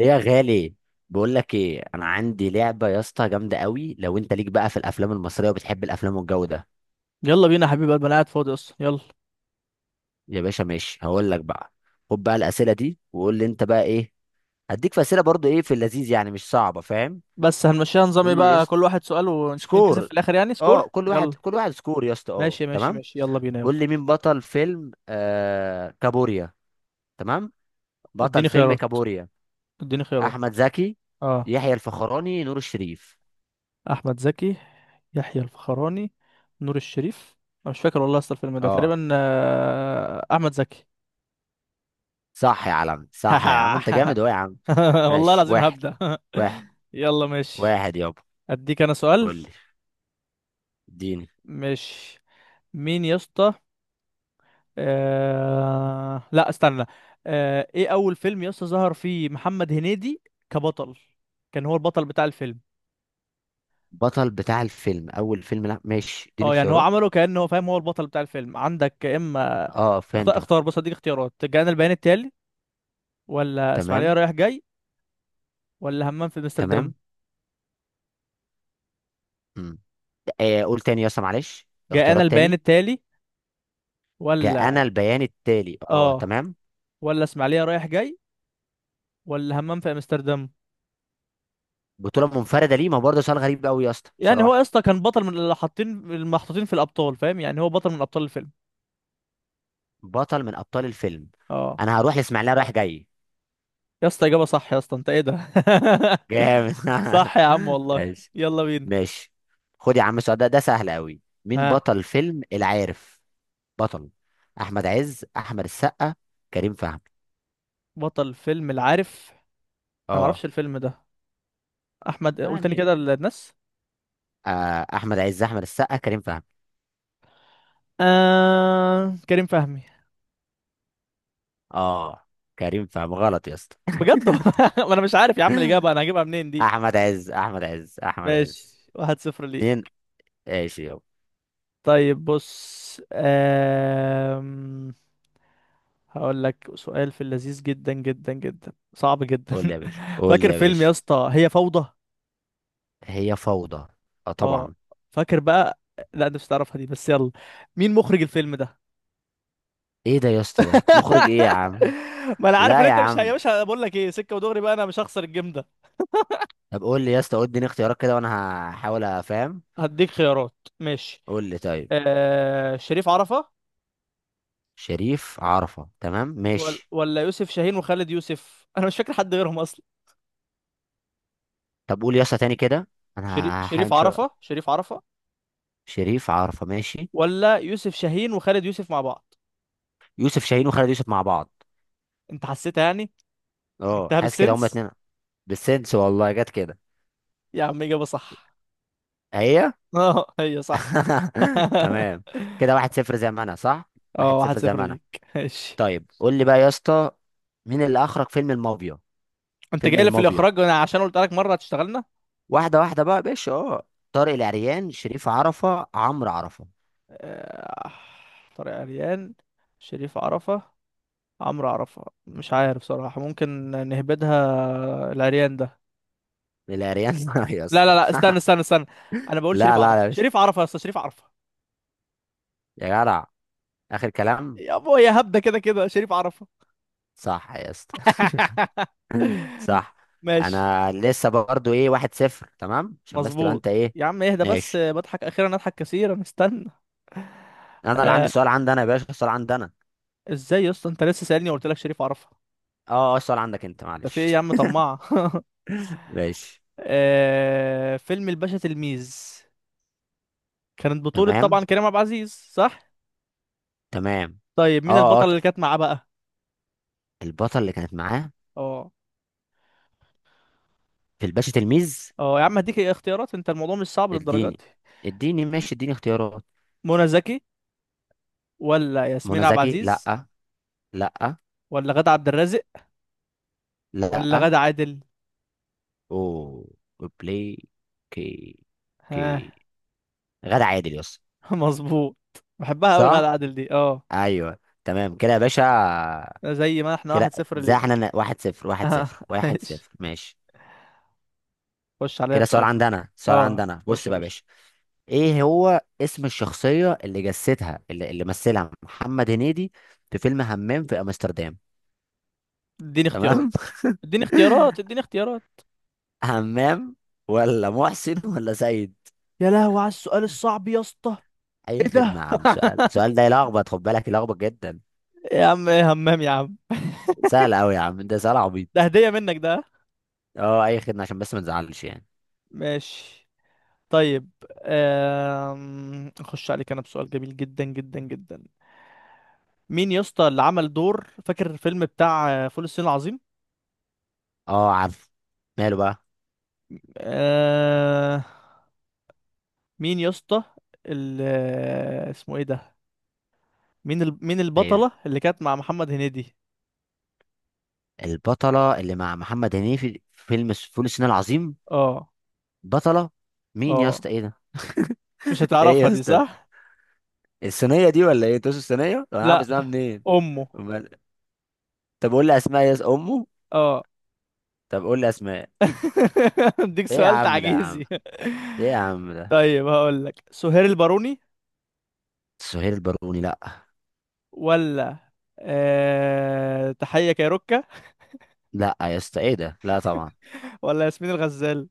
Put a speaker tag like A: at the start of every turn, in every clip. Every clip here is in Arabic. A: إيه يا غالي. بقول لك ايه، انا عندي لعبه يا اسطى جامده قوي، لو انت ليك بقى في الافلام المصريه وبتحب الافلام والجو ده.
B: يلا بينا يا حبيب قلبي، انا قاعد فاضي اصلا. يلا،
A: يا باشا ماشي، هقول لك بقى. خد بقى الاسئله دي وقول لي انت بقى ايه. هديك في اسئله برضو ايه في اللذيذ يعني، مش صعبه فاهم.
B: بس هنمشيها نظام ايه
A: قول لي يا
B: بقى؟
A: اسطى.
B: كل واحد سؤال، ونشوف مين كسب في
A: سكور.
B: الاخر، يعني سكور.
A: اه، كل واحد
B: يلا
A: كل واحد سكور يا اسطى، اه
B: ماشي ماشي
A: تمام.
B: ماشي، يلا بينا
A: قول
B: يلا.
A: لي مين بطل فيلم كابوريا. تمام، بطل
B: اديني
A: فيلم
B: خيارات،
A: كابوريا:
B: اديني خيارات.
A: احمد زكي،
B: اه،
A: يحيى الفخراني، نور الشريف.
B: احمد زكي يحيى الفخراني نور الشريف. انا مش فاكر والله، اصل الفيلم ده
A: اه،
B: تقريبا احمد زكي.
A: صح يا عالم، صح يا عم، انت جامد اهو يا عم.
B: والله
A: ماشي
B: العظيم
A: واحد.
B: هبدأ.
A: واحد.
B: يلا ماشي.
A: واحد يابا.
B: اديك انا سؤال.
A: قول لي. اديني.
B: ماشي، مين يا اسطى؟ لا استنى. ايه اول فيلم يسطا ظهر فيه محمد هنيدي كبطل؟ كان هو البطل بتاع الفيلم.
A: بطل بتاع الفيلم، اول فيلم، لا ماشي اديني
B: اه يعني هو
A: اختيارات.
B: عمله كأنه هو، فاهم، هو البطل بتاع الفيلم. عندك يا اما،
A: اه
B: اختار
A: فهمتك.
B: اختار، بص اديك اختيارات. جاءنا البيان التالي، ولا اسماعيليه
A: تمام.
B: رايح جاي، ولا همام في
A: تمام.
B: امستردام.
A: امم قول تاني يا اسطى معلش.
B: جاءنا
A: اختيارات
B: البيان
A: تاني.
B: التالي
A: جاء انا
B: ولا
A: البيان التالي، اه
B: اه،
A: تمام.
B: ولا اسماعيليه رايح جاي، ولا همام في امستردام.
A: بطولة منفردة ليه؟ ما هو برضه سؤال غريب قوي يا اسطى
B: يعني هو يا
A: بصراحة.
B: اسطى كان بطل، من اللي حاطين المحطوطين في الابطال، فاهم؟ يعني هو بطل من ابطال الفيلم.
A: بطل من ابطال الفيلم.
B: اه
A: انا هروح لاسماعيليه رايح جاي.
B: يا اسطى، اجابه صح يا اسطى، انت ايه ده؟
A: جامد.
B: صح يا عم والله.
A: ماشي.
B: يلا بينا.
A: ماشي، خد يا عم السؤال ده ده سهل قوي. مين
B: ها،
A: بطل فيلم العارف؟ بطل: احمد عز، احمد السقا، كريم فهمي.
B: بطل فيلم العارف؟ انا
A: اه
B: معرفش الفيلم ده. احمد، قول تاني
A: يعني،
B: كده للناس.
A: احمد عز، احمد السقا، كريم فهمي.
B: كريم فهمي.
A: اه، كريم فهمي غلط يا اسطى.
B: بجد؟ ما انا مش عارف يا عم الاجابه، انا هجيبها منين دي؟
A: احمد عز، احمد عز، احمد
B: ماشي،
A: عز.
B: واحد صفر
A: اتنين.
B: ليك.
A: ماشي يابا.
B: طيب بص، هقول لك سؤال في اللذيذ، جدا جدا جدا صعب جدا.
A: قول لي يا باشا، قول لي
B: فاكر
A: يا
B: فيلم
A: باشا.
B: يا اسطى هي فوضى؟
A: هي فوضى. اه
B: اه،
A: طبعا.
B: فاكر بقى. لا انت مش هتعرفها دي، بس يلا، مين مخرج الفيلم ده؟
A: ايه ده يا اسطى؟ ده مخرج ايه يا عم؟
B: ما انا عارف ان
A: لا يا
B: انت مش يا
A: عم.
B: باشا، أنا بقول لك ايه، سكه ودغري بقى، انا مش هخسر الجيم ده.
A: طب قول لي يا اسطى، قول اديني اختيارات كده وانا هحاول افهم.
B: هديك خيارات ماشي.
A: قول لي طيب.
B: آه، شريف عرفه،
A: شريف عرفة تمام
B: ولا
A: ماشي.
B: ولا يوسف شاهين وخالد يوسف. انا مش فاكر حد غيرهم اصلا.
A: طب قول يسا تاني كده، انا
B: شريف
A: هحاول
B: عرفه شريف عرفه،
A: شريف عرفة ماشي.
B: ولا يوسف شاهين وخالد يوسف مع بعض؟
A: يوسف شاهين وخالد يوسف مع بعض.
B: انت حسيتها يعني،
A: اه
B: جبتها
A: حاسس كده هما
B: بالسنس.
A: اتنين. بالسنس والله جت كده.
B: يا عم اجابه صح.
A: هي.
B: اه هي صح.
A: تمام. كده واحد صفر زي ما انا، صح،
B: اه،
A: واحد
B: واحد
A: صفر زي
B: صفر
A: ما انا.
B: ليك ماشي.
A: طيب قول لي بقى يا اسطى، مين اللي اخرج فيلم المافيا؟
B: انت
A: فيلم
B: جاي لي في
A: المافيا.
B: الاخراج؟ انا عشان قلت لك مره هتشتغلنا.
A: واحده واحده بقى يا باشا، اه. طارق العريان، شريف عرفة، عمرو عرفة.
B: آه، طارق عريان شريف عرفه عمرو عرفه، مش عارف صراحه، ممكن نهبدها العريان ده.
A: العريان. يا
B: لا لا
A: اسطى.
B: لا، استنى استنى استنى، انا بقول شريف
A: لا
B: عرفه
A: لا يا باشا،
B: شريف عرفه يا اسطى، شريف عرفه.
A: يا جدع، اخر كلام.
B: يا ابويا يا هبده، كده كده شريف عرفه.
A: صح يا اسطى. صح.
B: ماشي
A: انا لسه برضو ايه، واحد صفر، تمام عشان بس تبقى
B: مظبوط.
A: انت ايه.
B: يا عم اهدى بس،
A: ماشي.
B: بضحك اخيرا، اضحك كثيرا، استنى.
A: انا اللي عندي
B: آه،
A: سؤال، عندي انا يا باشا، السؤال عندي انا.
B: ازاي يا اسطى؟ انت لسه سألني وقلت لك شريف عرفه.
A: اه السؤال عندك انت
B: ده في ايه
A: معلش.
B: يا عم طماع؟
A: ماشي.
B: آه، فيلم الباشا تلميذ، كانت بطولة
A: تمام.
B: طبعا كريم عبد العزيز، صح؟
A: تمام.
B: طيب مين
A: اه اه
B: البطلة
A: ط-
B: اللي كانت معاه بقى؟
A: البطل اللي كانت معاه
B: اه
A: في الباشا تلميذ.
B: اه، يا عم هديك اختيارات، انت الموضوع مش صعب للدرجات
A: اديني.
B: دي.
A: اديني ماشي، اديني اختيارات.
B: منى زكي، ولا ياسمين
A: منى
B: عبد
A: زكي
B: العزيز،
A: لا. لا.
B: ولا غادة عبد الرازق، ولا
A: لا.
B: غادة عادل؟
A: او بلاي كي.
B: ها؟
A: كي. غادة عادل يس.
B: مظبوط، بحبها قوي غادة
A: صح.
B: عادل دي، اه.
A: ايوه. تمام كده يا باشا.
B: زي ما احنا،
A: كده.
B: واحد صفر
A: زي
B: ليه.
A: احنا واحد صفر، واحد
B: اه
A: صفر، واحد
B: ماشي،
A: صفر ماشي.
B: خش عليا
A: كده سؤال
B: بسؤال.
A: عندنا، سؤال
B: اه
A: عندنا.
B: خش
A: بص
B: يا
A: بقى يا
B: باشا.
A: باشا، ايه هو اسم الشخصية اللي جسدها اللي مثلها محمد هنيدي في فيلم همام في امستردام؟
B: اديني اختيارات،
A: تمام.
B: اديني اختيارات، اديني اختيارات.
A: همام ولا محسن ولا سيد؟
B: يا لهوي على السؤال الصعب يا اسطى!
A: اي
B: ايه
A: خدمة
B: ده؟
A: يا عم، سؤال، السؤال ده يلخبط، خد بالك يلخبط جدا.
B: يا عم ايه، همام يا عم.
A: سهل قوي يا عم، ده سؤال
B: ده
A: عبيط.
B: هدية منك ده.
A: اه اي خدمة عشان بس ما نزعلش يعني.
B: ماشي طيب. اخش عليك انا بسؤال جميل جدا جدا جدا. مين يا اسطى اللي عمل دور، فاكر الفيلم بتاع فول الصين العظيم؟
A: اه عارف. ماله بقى؟
B: أه... مين يا اسطى؟ ال... آه، اسمه ايه ده؟ مين مين
A: ايوه.
B: البطلة اللي كانت مع محمد هنيدي؟
A: البطلة اللي مع محمد هنيدي في فيلم فول الصين العظيم.
B: اه
A: بطلة. مين يا
B: اه،
A: اسطى؟ ايه ده؟
B: مش
A: ايه
B: هتعرفها
A: يا
B: دي
A: اسطى ده؟
B: صح؟
A: الصينيه دي ولا ايه، توس الصينيه، طب انا عارف
B: لا،
A: اسمها منين؟
B: امه.
A: امال. طب قول لي اسماء امه.
B: اه.
A: طب قول لي اسماء.
B: اديك
A: ايه يا
B: سؤال
A: عم ده يا عم،
B: تعجيزي.
A: ايه يا عم ده.
B: طيب هقول لك، سهير الباروني،
A: سهير الباروني لا.
B: ولا تحية كايروكا،
A: لا يا اسطى ايه ده، لا طبعا.
B: ولا ياسمين الغزال؟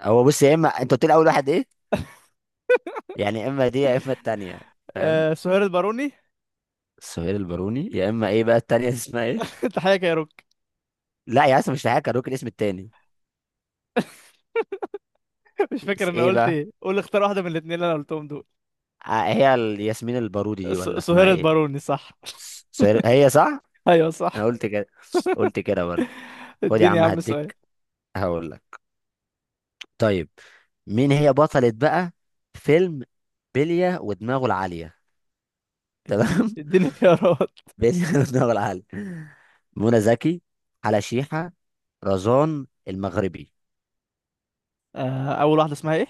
A: هو بص يا اما، انت قلت لي اول واحد ايه؟ يعني يا اما دي يا اما التانيه، فاهم.
B: سهير الباروني.
A: سهير الباروني يا اما، ايه بقى التانيه؟ دي اسمها ايه؟
B: تحية كايروكا؟
A: لا يا اسطى، مش هحكي، هدوك الاسم التاني.
B: مش فاكر
A: بس
B: انا
A: ايه
B: قلت
A: بقى؟
B: ايه، قول اختار واحدة من الاتنين اللي انا قلتهم دول.
A: هي الياسمين البارودي دي ولا اسمها
B: سهير
A: ايه؟
B: الباروني صح.
A: هي صح.
B: ايوه
A: انا
B: صح.
A: قلت كده. قلت كده برضه. خد يا
B: اديني يا
A: عم،
B: عم سؤال.
A: هديك. هقول لك. طيب. مين هي بطلة بقى فيلم بلية ودماغه العالية؟
B: اديني
A: تمام.
B: اديني خيارات.
A: بلية ودماغه العالية: منى زكي، حلا شيحة، رزان المغربي.
B: اول واحدة اسمها ايه؟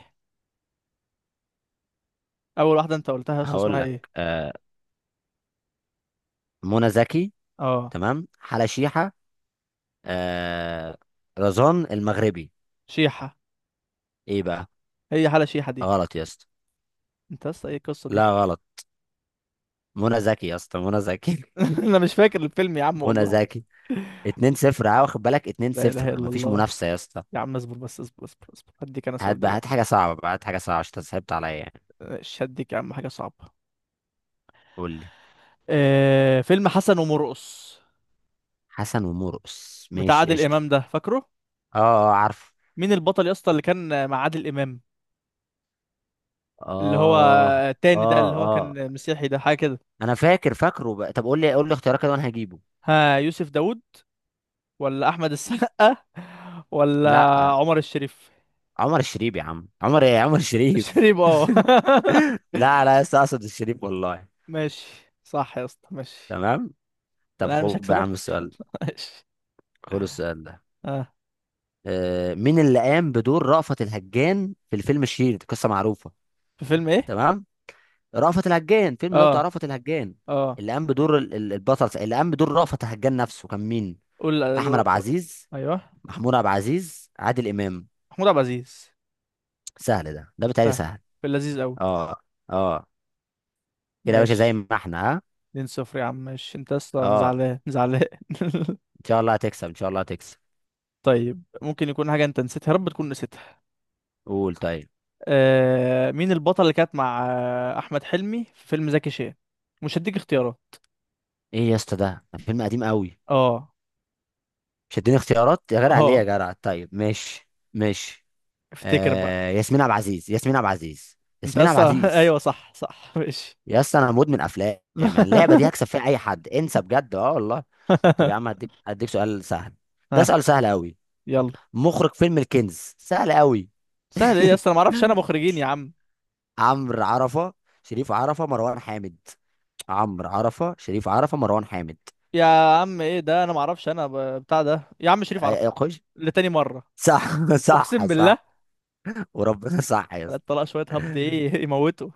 B: اول واحدة انت قلتها يا اسطى
A: هقول
B: اسمها
A: لك.
B: ايه؟
A: آه، منى زكي.
B: اه،
A: تمام. حلا شيحة. آه، رزان المغربي.
B: شيحة.
A: ايه بقى؟
B: هي حالة شيحة دي؟
A: غلط يا اسطى.
B: انت يا اسطى ايه القصة دي؟
A: لا، غلط. منى زكي يا اسطى، منى زكي.
B: انا مش فاكر الفيلم يا عم
A: منى
B: والله.
A: زكي. 2-0، اه واخد بالك، 2
B: لا اله
A: 0
B: الا
A: مفيش
B: الله.
A: منافسه يا اسطى.
B: يا عم اصبر بس، اصبر اصبر اصبر، هديك انا
A: هات
B: سؤال
A: بقى، هات
B: دلوقتي.
A: حاجه صعبه بقى، هات حاجه صعبه عشان انت صعبت عليا يعني.
B: شدك يا عم، حاجة صعبة.
A: قول لي.
B: آه، فيلم حسن ومرقص،
A: حسن ومرقص،
B: بتاع
A: ماشي
B: عادل
A: قشطه.
B: إمام ده، فاكره؟
A: اه. اه عارف.
B: مين البطل يا اسطى اللي كان مع عادل إمام؟ اللي هو
A: اه. اه.
B: التاني ده، اللي هو
A: اه
B: كان مسيحي ده، حاجة كده.
A: انا فاكر، فاكره بقى. طب قول لي، قول لي اختيارات كده وانا هجيبه.
B: ها، يوسف داوود، ولا أحمد السقا، ولا
A: لا.
B: عمر الشريف؟
A: عمر الشريف. يا عم عمر ايه؟ عمر الشريف.
B: الشريف اه.
A: لا لا يا اسطى، اقصد الشريف والله.
B: ماشي، صح يا اسطى ماشي.
A: تمام. طب
B: أنا مش
A: خد بقى يا
B: هكسبك.
A: عم السؤال.
B: ماشي.
A: خد السؤال ده.
B: اه،
A: مين اللي قام بدور رأفت الهجان في الفيلم الشهير، دي قصة معروفة.
B: في فيلم ايه؟
A: تمام. رأفت الهجان، فيلم اللي هو بتاع
B: اه
A: رأفت الهجان.
B: اه،
A: اللي قام بدور البطل، اللي قام بدور رأفت الهجان نفسه، كان مين؟
B: قول
A: أحمد
B: قول-
A: عبد
B: قول-
A: العزيز،
B: ايوه،
A: محمود عبد العزيز، عادل إمام.
B: محمود عبد العزيز.
A: سهل ده، ده بتهيألي
B: سهل،
A: سهل.
B: في اللذيذ قوي.
A: اه. اه. كده يا باشا زي
B: ماشي،
A: ما احنا، ها.
B: 2 صفر يا عم ماشي، انت يا اسطى، انا
A: اه،
B: زعلان زعلان.
A: ان شاء الله هتكسب، ان شاء الله هتكسب.
B: طيب، ممكن يكون حاجة انت نسيتها، يا رب تكون نسيتها.
A: قول طيب.
B: آه، مين البطل اللي كانت مع احمد حلمي في فيلم زكي شان؟ مش هديك اختيارات.
A: ايه يا اسطى ده فيلم قديم قوي.
B: اه
A: مش هتديني اختيارات يا جدع؟ ليه يا
B: اه،
A: جدع؟ طيب ماشي. ماشي.
B: افتكر بقى.
A: آه، ياسمين عبد العزيز، ياسمين عبد العزيز،
B: انت
A: ياسمين عبد
B: اصلا
A: العزيز.
B: ايوه صح صح ماشي.
A: يا اسطى انا مدمن افلام، انا اللعبه دي هكسب فيها اي حد، انسى بجد، اه والله. طب يا عم، هديك سؤال سهل. ده
B: ها،
A: سؤال سهل قوي.
B: يلا.
A: مخرج فيلم الكنز، سهل قوي.
B: سهل ايه يا اسطى؟ انا ما اعرفش انا مخرجين يا عم.
A: عمرو عرفه، شريف عرفه، مروان حامد. عمرو عرفه، شريف عرفه، مروان حامد.
B: يا عم ايه ده؟ انا ما اعرفش انا، بتاع ده يا عم، شريف عرفه
A: اي خش.
B: لتاني مرة،
A: صح.
B: اقسم
A: صح.
B: بالله.
A: صح وربنا، صح يا اسطى.
B: طلع شوية هبد، ايه يموتوا.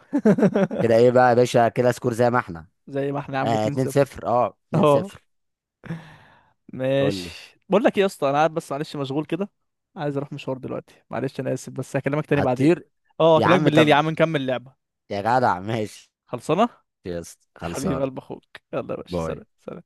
A: كده ايه بقى يا باشا؟ كده سكور زي ما احنا.
B: زي ما احنا يا عم،
A: آه، 2
B: 2-0.
A: 0 اه 2
B: اه
A: 0 قول لي.
B: ماشي، بقول لك ايه يا اسطى، انا قاعد بس معلش، مشغول كده. عايز اروح مشوار دلوقتي معلش، انا اسف، بس هكلمك تاني بعدين.
A: هتطير؟
B: اه
A: يا
B: هكلمك
A: عم
B: بالليل يا
A: طب،
B: عم، نكمل لعبة.
A: يا جدع ماشي.
B: خلصانة.
A: يا اسطى
B: حبيب
A: خلصان.
B: قلب اخوك. يلا يا باشا،
A: باي.
B: سلام سلام.